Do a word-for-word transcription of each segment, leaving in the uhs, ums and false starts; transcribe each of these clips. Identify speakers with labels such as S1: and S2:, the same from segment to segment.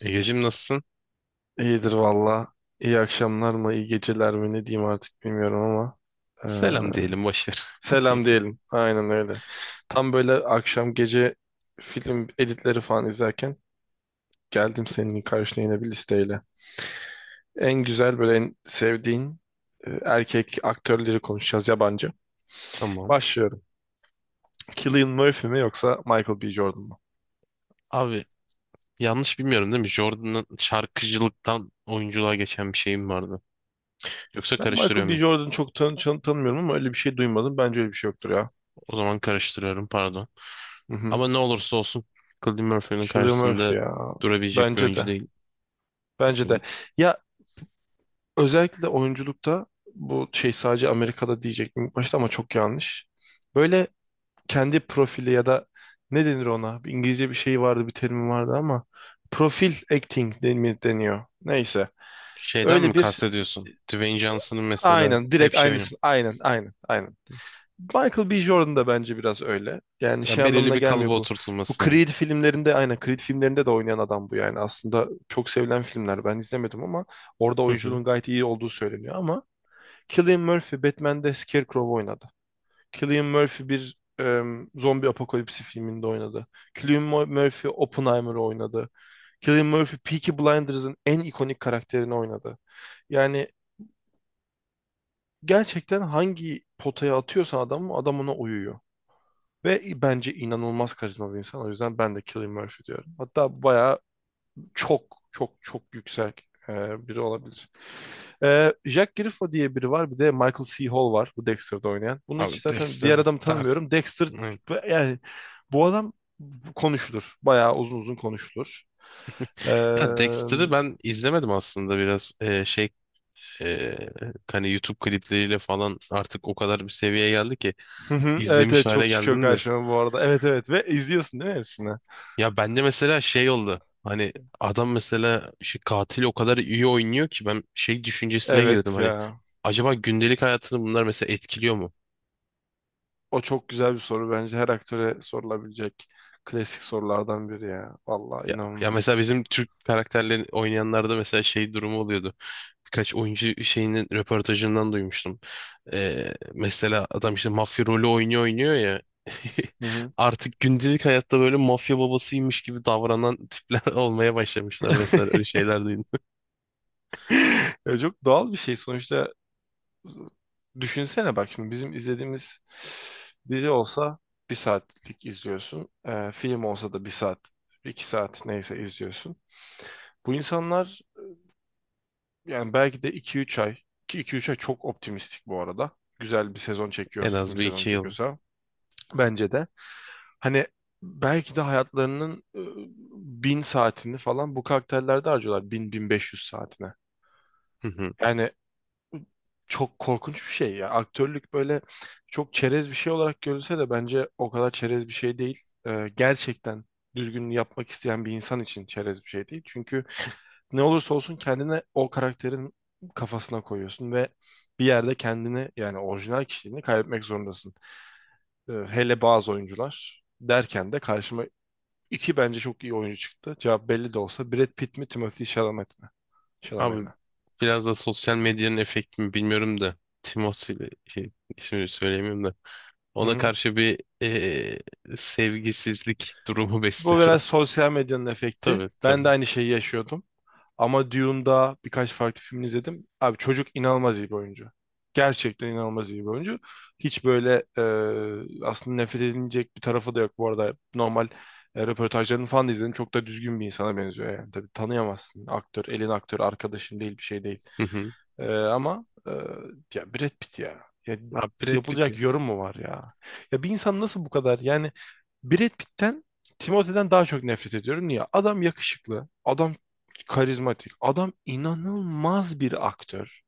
S1: Egeciğim nasılsın?
S2: İyidir valla. İyi akşamlar mı, iyi geceler mi ne diyeyim artık bilmiyorum ama.
S1: Selam
S2: eee,
S1: diyelim boş ver.
S2: Selam diyelim. Aynen öyle. Tam böyle akşam gece film editleri falan izlerken geldim senin karşına yine bir listeyle. En güzel böyle en sevdiğin e, erkek aktörleri konuşacağız yabancı.
S1: Tamam.
S2: Başlıyorum. Cillian Murphy mi yoksa Michael B. Jordan mu?
S1: Abi yanlış bilmiyorum değil mi? Jordan'ın şarkıcılıktan oyunculuğa geçen bir şeyim vardı. Yoksa
S2: Ben
S1: karıştırıyor
S2: Michael B.
S1: muyum?
S2: Jordan'ı çok tan tan- tanımıyorum ama öyle bir şey duymadım. Bence öyle bir şey yoktur ya.
S1: O zaman karıştırıyorum pardon.
S2: Hı hı.
S1: Ama ne olursa olsun Cillian Murphy'nin
S2: Cillian
S1: karşısında
S2: Murphy ya.
S1: durabilecek bir
S2: Bence
S1: oyuncu
S2: de.
S1: değil.
S2: Bence de. Ya özellikle oyunculukta bu şey sadece Amerika'da diyecektim ilk başta ama çok yanlış. Böyle kendi profili ya da ne denir ona? Bir İngilizce bir şey vardı, bir terim vardı ama profil acting deni- deniyor. Neyse.
S1: Şeyden
S2: Öyle
S1: mi
S2: bir
S1: kastediyorsun? Dwayne Johnson'ın mesela
S2: aynen
S1: hep
S2: direkt
S1: şey oyunu.
S2: aynısın. Aynen, aynen, aynen. Michael B. Jordan da bence biraz öyle. Yani şey
S1: Ya belirli
S2: anlamına
S1: bir kalıba
S2: gelmiyor bu. Bu
S1: oturtulması yani.
S2: Creed filmlerinde aynen Creed filmlerinde de oynayan adam bu yani. Aslında çok sevilen filmler. Ben izlemedim ama orada
S1: Hı hı.
S2: oyunculuğun gayet iyi olduğu söyleniyor ama Cillian Murphy Batman'de Scarecrow oynadı. Cillian Murphy bir em, zombi apokalipsi filminde oynadı. Cillian Mur- Murphy Oppenheimer'ı oynadı. Cillian Murphy Peaky Blinders'ın en ikonik karakterini oynadı. Yani gerçekten hangi potaya atıyorsan adamı adam ona uyuyor. Ve bence inanılmaz karizma bir insan. O yüzden ben de Cillian Murphy diyorum. Hatta bayağı çok çok çok yüksek e, biri olabilir. E, Jack Griffo diye biri var. Bir de Michael C. Hall var. Bu Dexter'da oynayan. Bunu hiç
S1: Abi
S2: zaten diğer
S1: Dexter
S2: adamı
S1: tar.
S2: tanımıyorum. Dexter
S1: Hı.
S2: yani bu adam konuşulur. Bayağı uzun uzun konuşulur. E,
S1: Ya Dexter'ı ben izlemedim aslında biraz Ee, şey ee, hani YouTube klipleriyle falan artık o kadar bir seviyeye geldi ki
S2: evet
S1: izlemiş
S2: evet,
S1: hale
S2: çok çıkıyor
S1: geldim de.
S2: karşıma bu arada. Evet evet, ve izliyorsun değil mi hepsini?
S1: Ya bende mesela şey oldu. Hani adam mesela şu katil o kadar iyi oynuyor ki ben şey düşüncesine girdim
S2: Evet
S1: hani
S2: ya.
S1: acaba gündelik hayatını bunlar mesela etkiliyor mu?
S2: O çok güzel bir soru bence. Her aktöre sorulabilecek klasik sorulardan biri ya. Vallahi
S1: Ya, ya mesela
S2: inanılmaz.
S1: bizim Türk karakterlerini oynayanlarda mesela şey durumu oluyordu. Birkaç oyuncu şeyinin röportajından duymuştum. Ee, mesela adam işte mafya rolü oynuyor oynuyor ya.
S2: Hı hı.
S1: Artık gündelik hayatta böyle mafya babasıymış gibi davranan tipler olmaya başlamışlar vesaire öyle şeyler duydum.
S2: Ya çok doğal bir şey sonuçta. Düşünsene bak şimdi bizim izlediğimiz dizi olsa bir saatlik izliyorsun. Ee, film olsa da bir saat, iki saat neyse izliyorsun. Bu insanlar yani belki de iki üç ay, ki iki üç ay çok optimistik bu arada. Güzel bir sezon çekiyor,
S1: En
S2: film
S1: az bir
S2: sezonu
S1: iki yıl.
S2: çekiyorsa. Bence de. Hani belki de hayatlarının e, bin saatini falan bu karakterlerde harcıyorlar. Bin, bin beş yüz saatine. Yani çok korkunç bir şey ya. Aktörlük böyle çok çerez bir şey olarak görülse de bence o kadar çerez bir şey değil. Ee, gerçekten düzgün yapmak isteyen bir insan için çerez bir şey değil. Çünkü ne olursa olsun kendine o karakterin kafasına koyuyorsun ve bir yerde kendini yani orijinal kişiliğini kaybetmek zorundasın. Ee, hele bazı oyuncular derken de karşıma İki bence çok iyi oyuncu çıktı. Cevap belli de olsa. Brad Pitt mi, Timothy Chalamet mi? Chalamet
S1: Abi
S2: mi?
S1: biraz da sosyal medyanın efekti mi bilmiyorum da Timothy ile şey, ismini söyleyemiyorum da
S2: Hı
S1: ona
S2: hı.
S1: karşı bir eee, sevgisizlik durumu
S2: Bu
S1: besliyorum.
S2: biraz sosyal medyanın efekti.
S1: Tabii
S2: Ben de
S1: tabii.
S2: aynı şeyi yaşıyordum. Ama Dune'da birkaç farklı film izledim. Abi çocuk inanılmaz iyi bir oyuncu. Gerçekten inanılmaz iyi bir oyuncu. Hiç böyle e, aslında nefret edilecek bir tarafı da yok. Bu arada normal e, röportajlarını falan da izledim. Çok da düzgün bir insana benziyor yani. Tabii tanıyamazsın. Aktör, elin aktör, arkadaşın değil bir şey değil.
S1: Hı hı.
S2: Ee, ama e, ya Brad Pitt ya. Ya.
S1: Abi Brad Pitt ya.
S2: Yapılacak yorum mu var ya? Ya bir insan nasıl bu kadar, yani Brad Pitt'ten Timothée daha çok nefret ediyorum. Niye? Adam yakışıklı, adam karizmatik, adam inanılmaz bir aktör.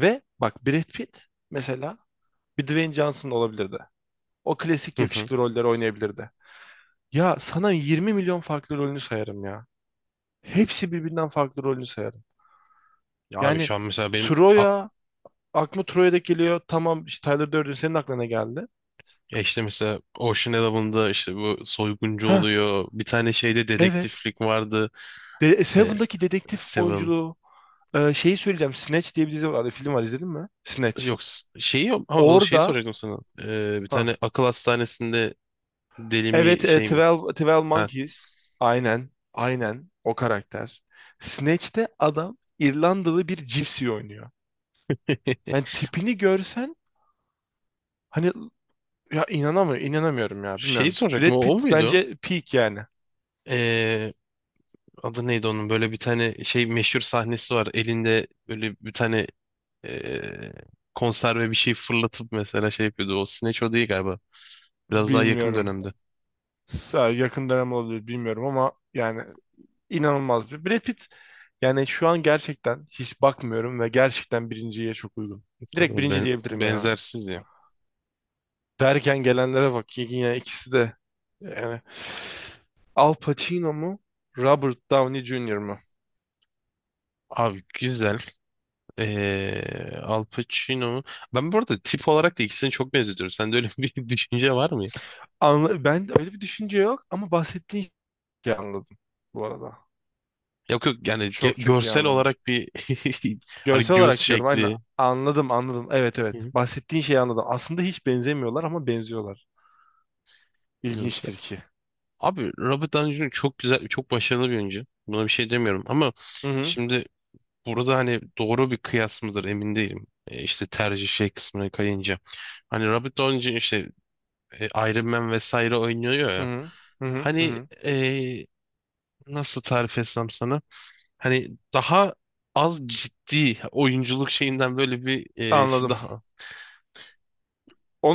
S2: Ve bak Brad Pitt mesela bir Dwayne Johnson olabilirdi. O klasik
S1: Hı hı.
S2: yakışıklı rolleri oynayabilirdi. Ya sana 20 milyon farklı rolünü sayarım ya. Hepsi birbirinden farklı rolünü sayarım.
S1: Ya abi
S2: Yani
S1: şu an mesela benim ak
S2: Troya aklıma Troy'da geliyor. Tamam işte, Tyler Durden senin aklına ne geldi?
S1: ya işte mesela Ocean Eleven'da işte bu soyguncu
S2: Ha,
S1: oluyor. Bir tane şeyde
S2: evet.
S1: dedektiflik vardı.
S2: De e,
S1: Eee,
S2: Seven'daki dedektif
S1: Seven.
S2: oyunculuğu e, şeyi söyleyeceğim. Snatch diye bir dizi var. Film var, izledin mi? Snatch.
S1: Yok s- Şeyi ama o şeyi
S2: Orada,
S1: soracaktım sana. Eee, bir
S2: ha
S1: tane akıl hastanesinde deli
S2: evet,
S1: mi
S2: e,
S1: şey mi?
S2: Twelve 12
S1: Ha.
S2: Monkeys. Aynen. Aynen o karakter. Snatch'te adam İrlandalı bir cipsi oynuyor. Yani tipini görsen, hani, ya inanamıyorum, inanamıyorum ya
S1: Şeyi
S2: bilmiyorum. Brad
S1: soracaktım o, o
S2: Pitt
S1: muydu?
S2: bence peak yani.
S1: Ee, Adı neydi onun? Böyle bir tane şey meşhur sahnesi var. Elinde böyle bir tane ee, konserve bir şey fırlatıp mesela şey yapıyordu. O Snatch o değil galiba. Biraz daha yakın
S2: Bilmiyorum.
S1: dönemde.
S2: Sa- Yakın dönem olabilir bilmiyorum ama yani İnanılmaz bir. Brad Pitt yani şu an gerçekten hiç bakmıyorum ve gerçekten birinciye çok uygun. Direkt
S1: Tabii
S2: birinci
S1: ben-
S2: diyebilirim ya.
S1: benzersiz ya.
S2: Derken gelenlere bak, yani ikisi de, yani Al Pacino mu Robert Downey Junior mu?
S1: Abi güzel. Ee, Al Pacino. Ben bu arada tip olarak da ikisini çok benzetiyorum. Sende öyle bir düşünce var mı ya?
S2: Anla ben öyle bir düşünce yok ama bahsettiğin şeyi anladım bu arada.
S1: Yok yok yani ge-
S2: Çok çok iyi
S1: görsel
S2: anladım.
S1: olarak bir hani
S2: Görsel
S1: göz
S2: olarak diyorum, aynen
S1: şekli.
S2: anladım anladım. Evet evet,
S1: Hı
S2: bahsettiğin şeyi anladım. Aslında hiç benzemiyorlar ama benziyorlar.
S1: hı.
S2: İlginçtir ki.
S1: Abi Robert Downey Junior çok güzel, çok başarılı bir oyuncu. Buna bir şey demiyorum ama
S2: Hı hı
S1: şimdi burada hani doğru bir kıyas mıdır emin değilim. E, işte tercih şey kısmına kayınca. Hani Robert Downey Junior işte e, Iron Man vesaire oynuyor
S2: hı
S1: ya.
S2: hı hı hı. Hı
S1: Hani
S2: hı.
S1: e, nasıl tarif etsem sana? Hani daha az ciddi oyunculuk şeyinden böyle bir e, şey
S2: Anladım.
S1: daha.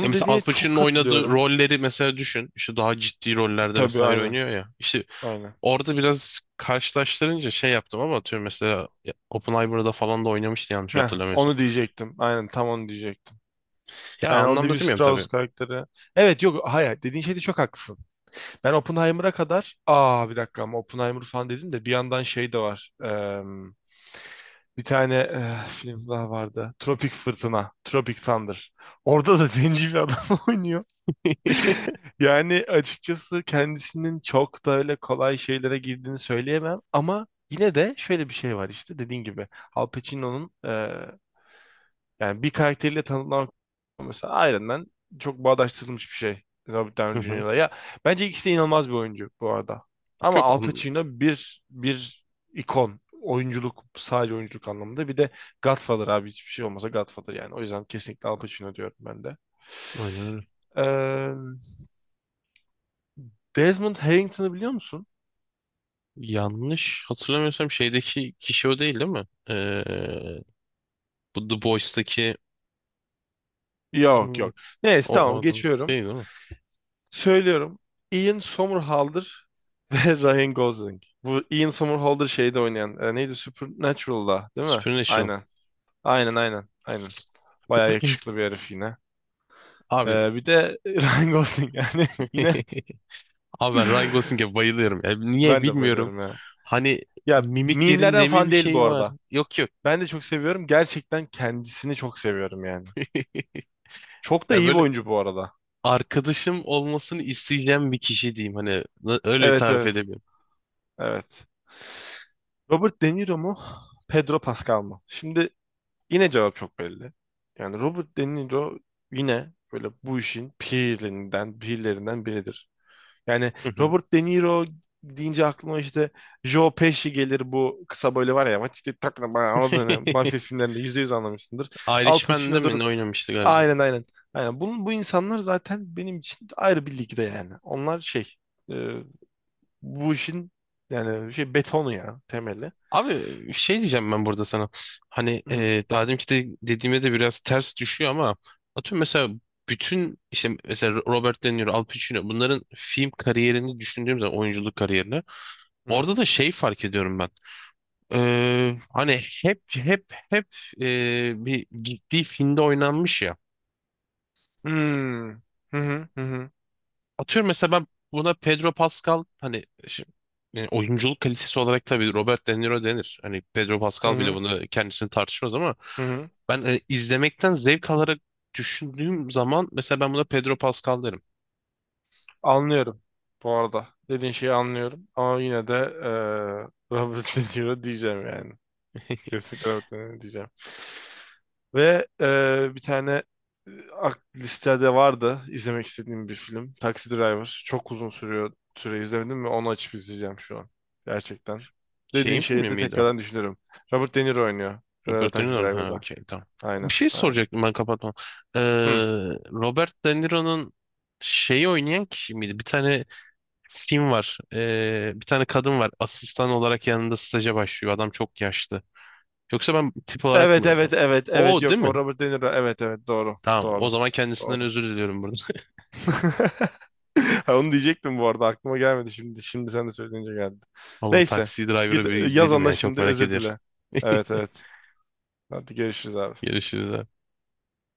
S1: Ya mesela Al
S2: dediğine çok
S1: Pacino'nun oynadığı
S2: katılıyorum.
S1: rolleri mesela düşün. İşte daha ciddi rollerde
S2: Tabii
S1: vesaire
S2: aynen.
S1: oynuyor ya. İşte
S2: Aynen.
S1: orada biraz karşılaştırınca şey yaptım ama atıyorum mesela ya, Oppenheimer'da falan da oynamıştı yanlış
S2: Heh,
S1: hatırlamıyorsam.
S2: onu diyecektim. Aynen tam onu diyecektim.
S1: Ya
S2: Yani o
S1: anlamda
S2: Levi
S1: demiyorum
S2: Strauss
S1: tabii.
S2: karakteri. Evet, yok hayır, dediğin şeyde çok haklısın. Ben Oppenheimer'a kadar, aa bir dakika, ama Oppenheimer falan dedim de bir yandan şey de var. Eee, bir tane eh, film daha vardı. Tropik Fırtına. Tropic Thunder. Orada da zenci bir adam oynuyor. Yani açıkçası kendisinin çok da öyle kolay şeylere girdiğini söyleyemem ama yine de şöyle bir şey var, işte dediğin gibi Al Pacino'nun e, yani bir karakteriyle tanımlamak, mesela Iron Man çok bağdaştırılmış bir şey Robert
S1: Hı
S2: Downey
S1: hı.
S2: junior'la ya. Bence ikisi de inanılmaz bir oyuncu bu arada ama
S1: Yok
S2: Al
S1: on,
S2: Pacino bir bir ikon oyunculuk, sadece oyunculuk anlamında. Bir de Godfather abi, hiçbir şey olmasa Godfather, yani o yüzden kesinlikle Al Pacino diyorum ben
S1: Oynar.
S2: de. Desmond Harrington'ı biliyor musun?
S1: Yanlış hatırlamıyorsam şeydeki kişi o değil değil mi? Ee, bu The Boys'taki
S2: Yok
S1: hmm,
S2: yok. Neyse,
S1: o, o
S2: tamam
S1: adam
S2: geçiyorum.
S1: değil değil mi?
S2: Söylüyorum. Ian Somerhalder ve Ryan Gosling. Bu Ian Somerhalder şeyde oynayan. E, neydi? Supernatural'da değil mi?
S1: Supernatural.
S2: Aynen. Aynen aynen. Aynen. Bayağı yakışıklı bir herif yine.
S1: Abi,
S2: E, bir de Ryan Gosling yani yine
S1: abi ben Ryan Gosling'e bayılıyorum. Ya niye
S2: ben de
S1: bilmiyorum.
S2: bayılıyorum ya.
S1: Hani
S2: Ya mimlerden
S1: mimiklerinde mi bir
S2: falan değil bu
S1: şey var?
S2: arada.
S1: Yok yok.
S2: Ben de çok seviyorum. Gerçekten kendisini çok seviyorum yani. Çok da
S1: Ya
S2: iyi bir
S1: böyle
S2: oyuncu bu arada.
S1: arkadaşım olmasını isteyeceğim bir kişi diyeyim. Hani na- öyle bir
S2: Evet
S1: tarif
S2: evet.
S1: edemiyorum.
S2: Evet. Robert De Niro mu? Pedro Pascal mı? Şimdi yine cevap çok belli. Yani Robert De Niro yine böyle bu işin pirlerinden, pirlerinden biridir. Yani
S1: Hı hı.
S2: Robert De Niro deyince aklıma işte Joe Pesci gelir, bu kısa böyle var ya, işte takla bana, anladın ya. Mafya filmlerinde yüzde yüz anlamışsındır. Al
S1: Irishman'de mi
S2: Pacino'dur.
S1: ne oynamıştı galiba?
S2: Aynen aynen. Aynen. Bunun, bu insanlar zaten benim için ayrı bir ligde yani. Onlar şey e, bu işin yani şey betonu ya temeli.
S1: Abi şey diyeceğim ben burada sana. Hani
S2: Hı hı.
S1: e, daha deminki de dediğime de biraz ters düşüyor ama atıyorum mesela bütün işte mesela Robert De Niro, Al Pacino bunların film kariyerini düşündüğüm zaman oyunculuk kariyerini
S2: Hmm.
S1: orada da şey fark ediyorum ben. E, hani hep hep hep e, bir gittiği filmde oynanmış ya.
S2: Hı hı hı hı
S1: Atıyorum mesela ben buna Pedro Pascal hani şi- yani oyunculuk kalitesi olarak tabii Robert De Niro denir. Hani Pedro
S2: hı
S1: Pascal bile
S2: hı.
S1: bunu kendisini tartışmaz ama
S2: Hı hı.
S1: ben e, izlemekten zevk alarak düşündüğüm zaman mesela ben buna Pedro Pascal derim.
S2: Anlıyorum bu arada. Dediğin şeyi anlıyorum. Ama yine de eee Robert De Niro diyeceğim yani. Kesinlikle evet, e, diyeceğim. Ve e, bir tane e, ak- listede vardı izlemek istediğim bir film. Taxi Driver. Çok uzun sürüyor, süre izlemedim ve onu açıp izleyeceğim şu an. Gerçekten. Dediğin
S1: Şeyin
S2: şeyi
S1: filmi
S2: de
S1: miydi o?
S2: tekrardan düşünürüm. Robert De Niro oynuyor. E,
S1: Robert De
S2: Taxi
S1: Niro'nun. Ha,
S2: Driver'da.
S1: okey, tamam. Bir
S2: Aynen,
S1: şey
S2: aynen.
S1: soracaktım ben kapatmam. Ee,
S2: Hı.
S1: Robert De Niro'nun şeyi oynayan kişi miydi? Bir tane film var. Ee, bir tane kadın var. Asistan olarak yanında staja başlıyor. Adam çok yaşlı. Yoksa ben tip olarak
S2: Evet,
S1: mı?
S2: evet, evet, evet.
S1: O değil
S2: Yok,
S1: mi?
S2: o Robert De Niro. Evet, evet, doğru,
S1: Tamam. O
S2: doğru.
S1: zaman
S2: Doğru.
S1: kendisinden özür diliyorum burada.
S2: Ha, onu diyecektim bu arada aklıma gelmedi şimdi. Şimdi sen de söyleyince geldi.
S1: Ama bu
S2: Neyse.
S1: Taxi
S2: Git
S1: Driver'ı
S2: e,
S1: bir
S2: yaz
S1: izleyelim
S2: ona
S1: ya. Çok
S2: şimdi
S1: merak
S2: özür
S1: ediyorum.
S2: dile. Evet evet. Hadi görüşürüz abi.
S1: Görüşürüz abi.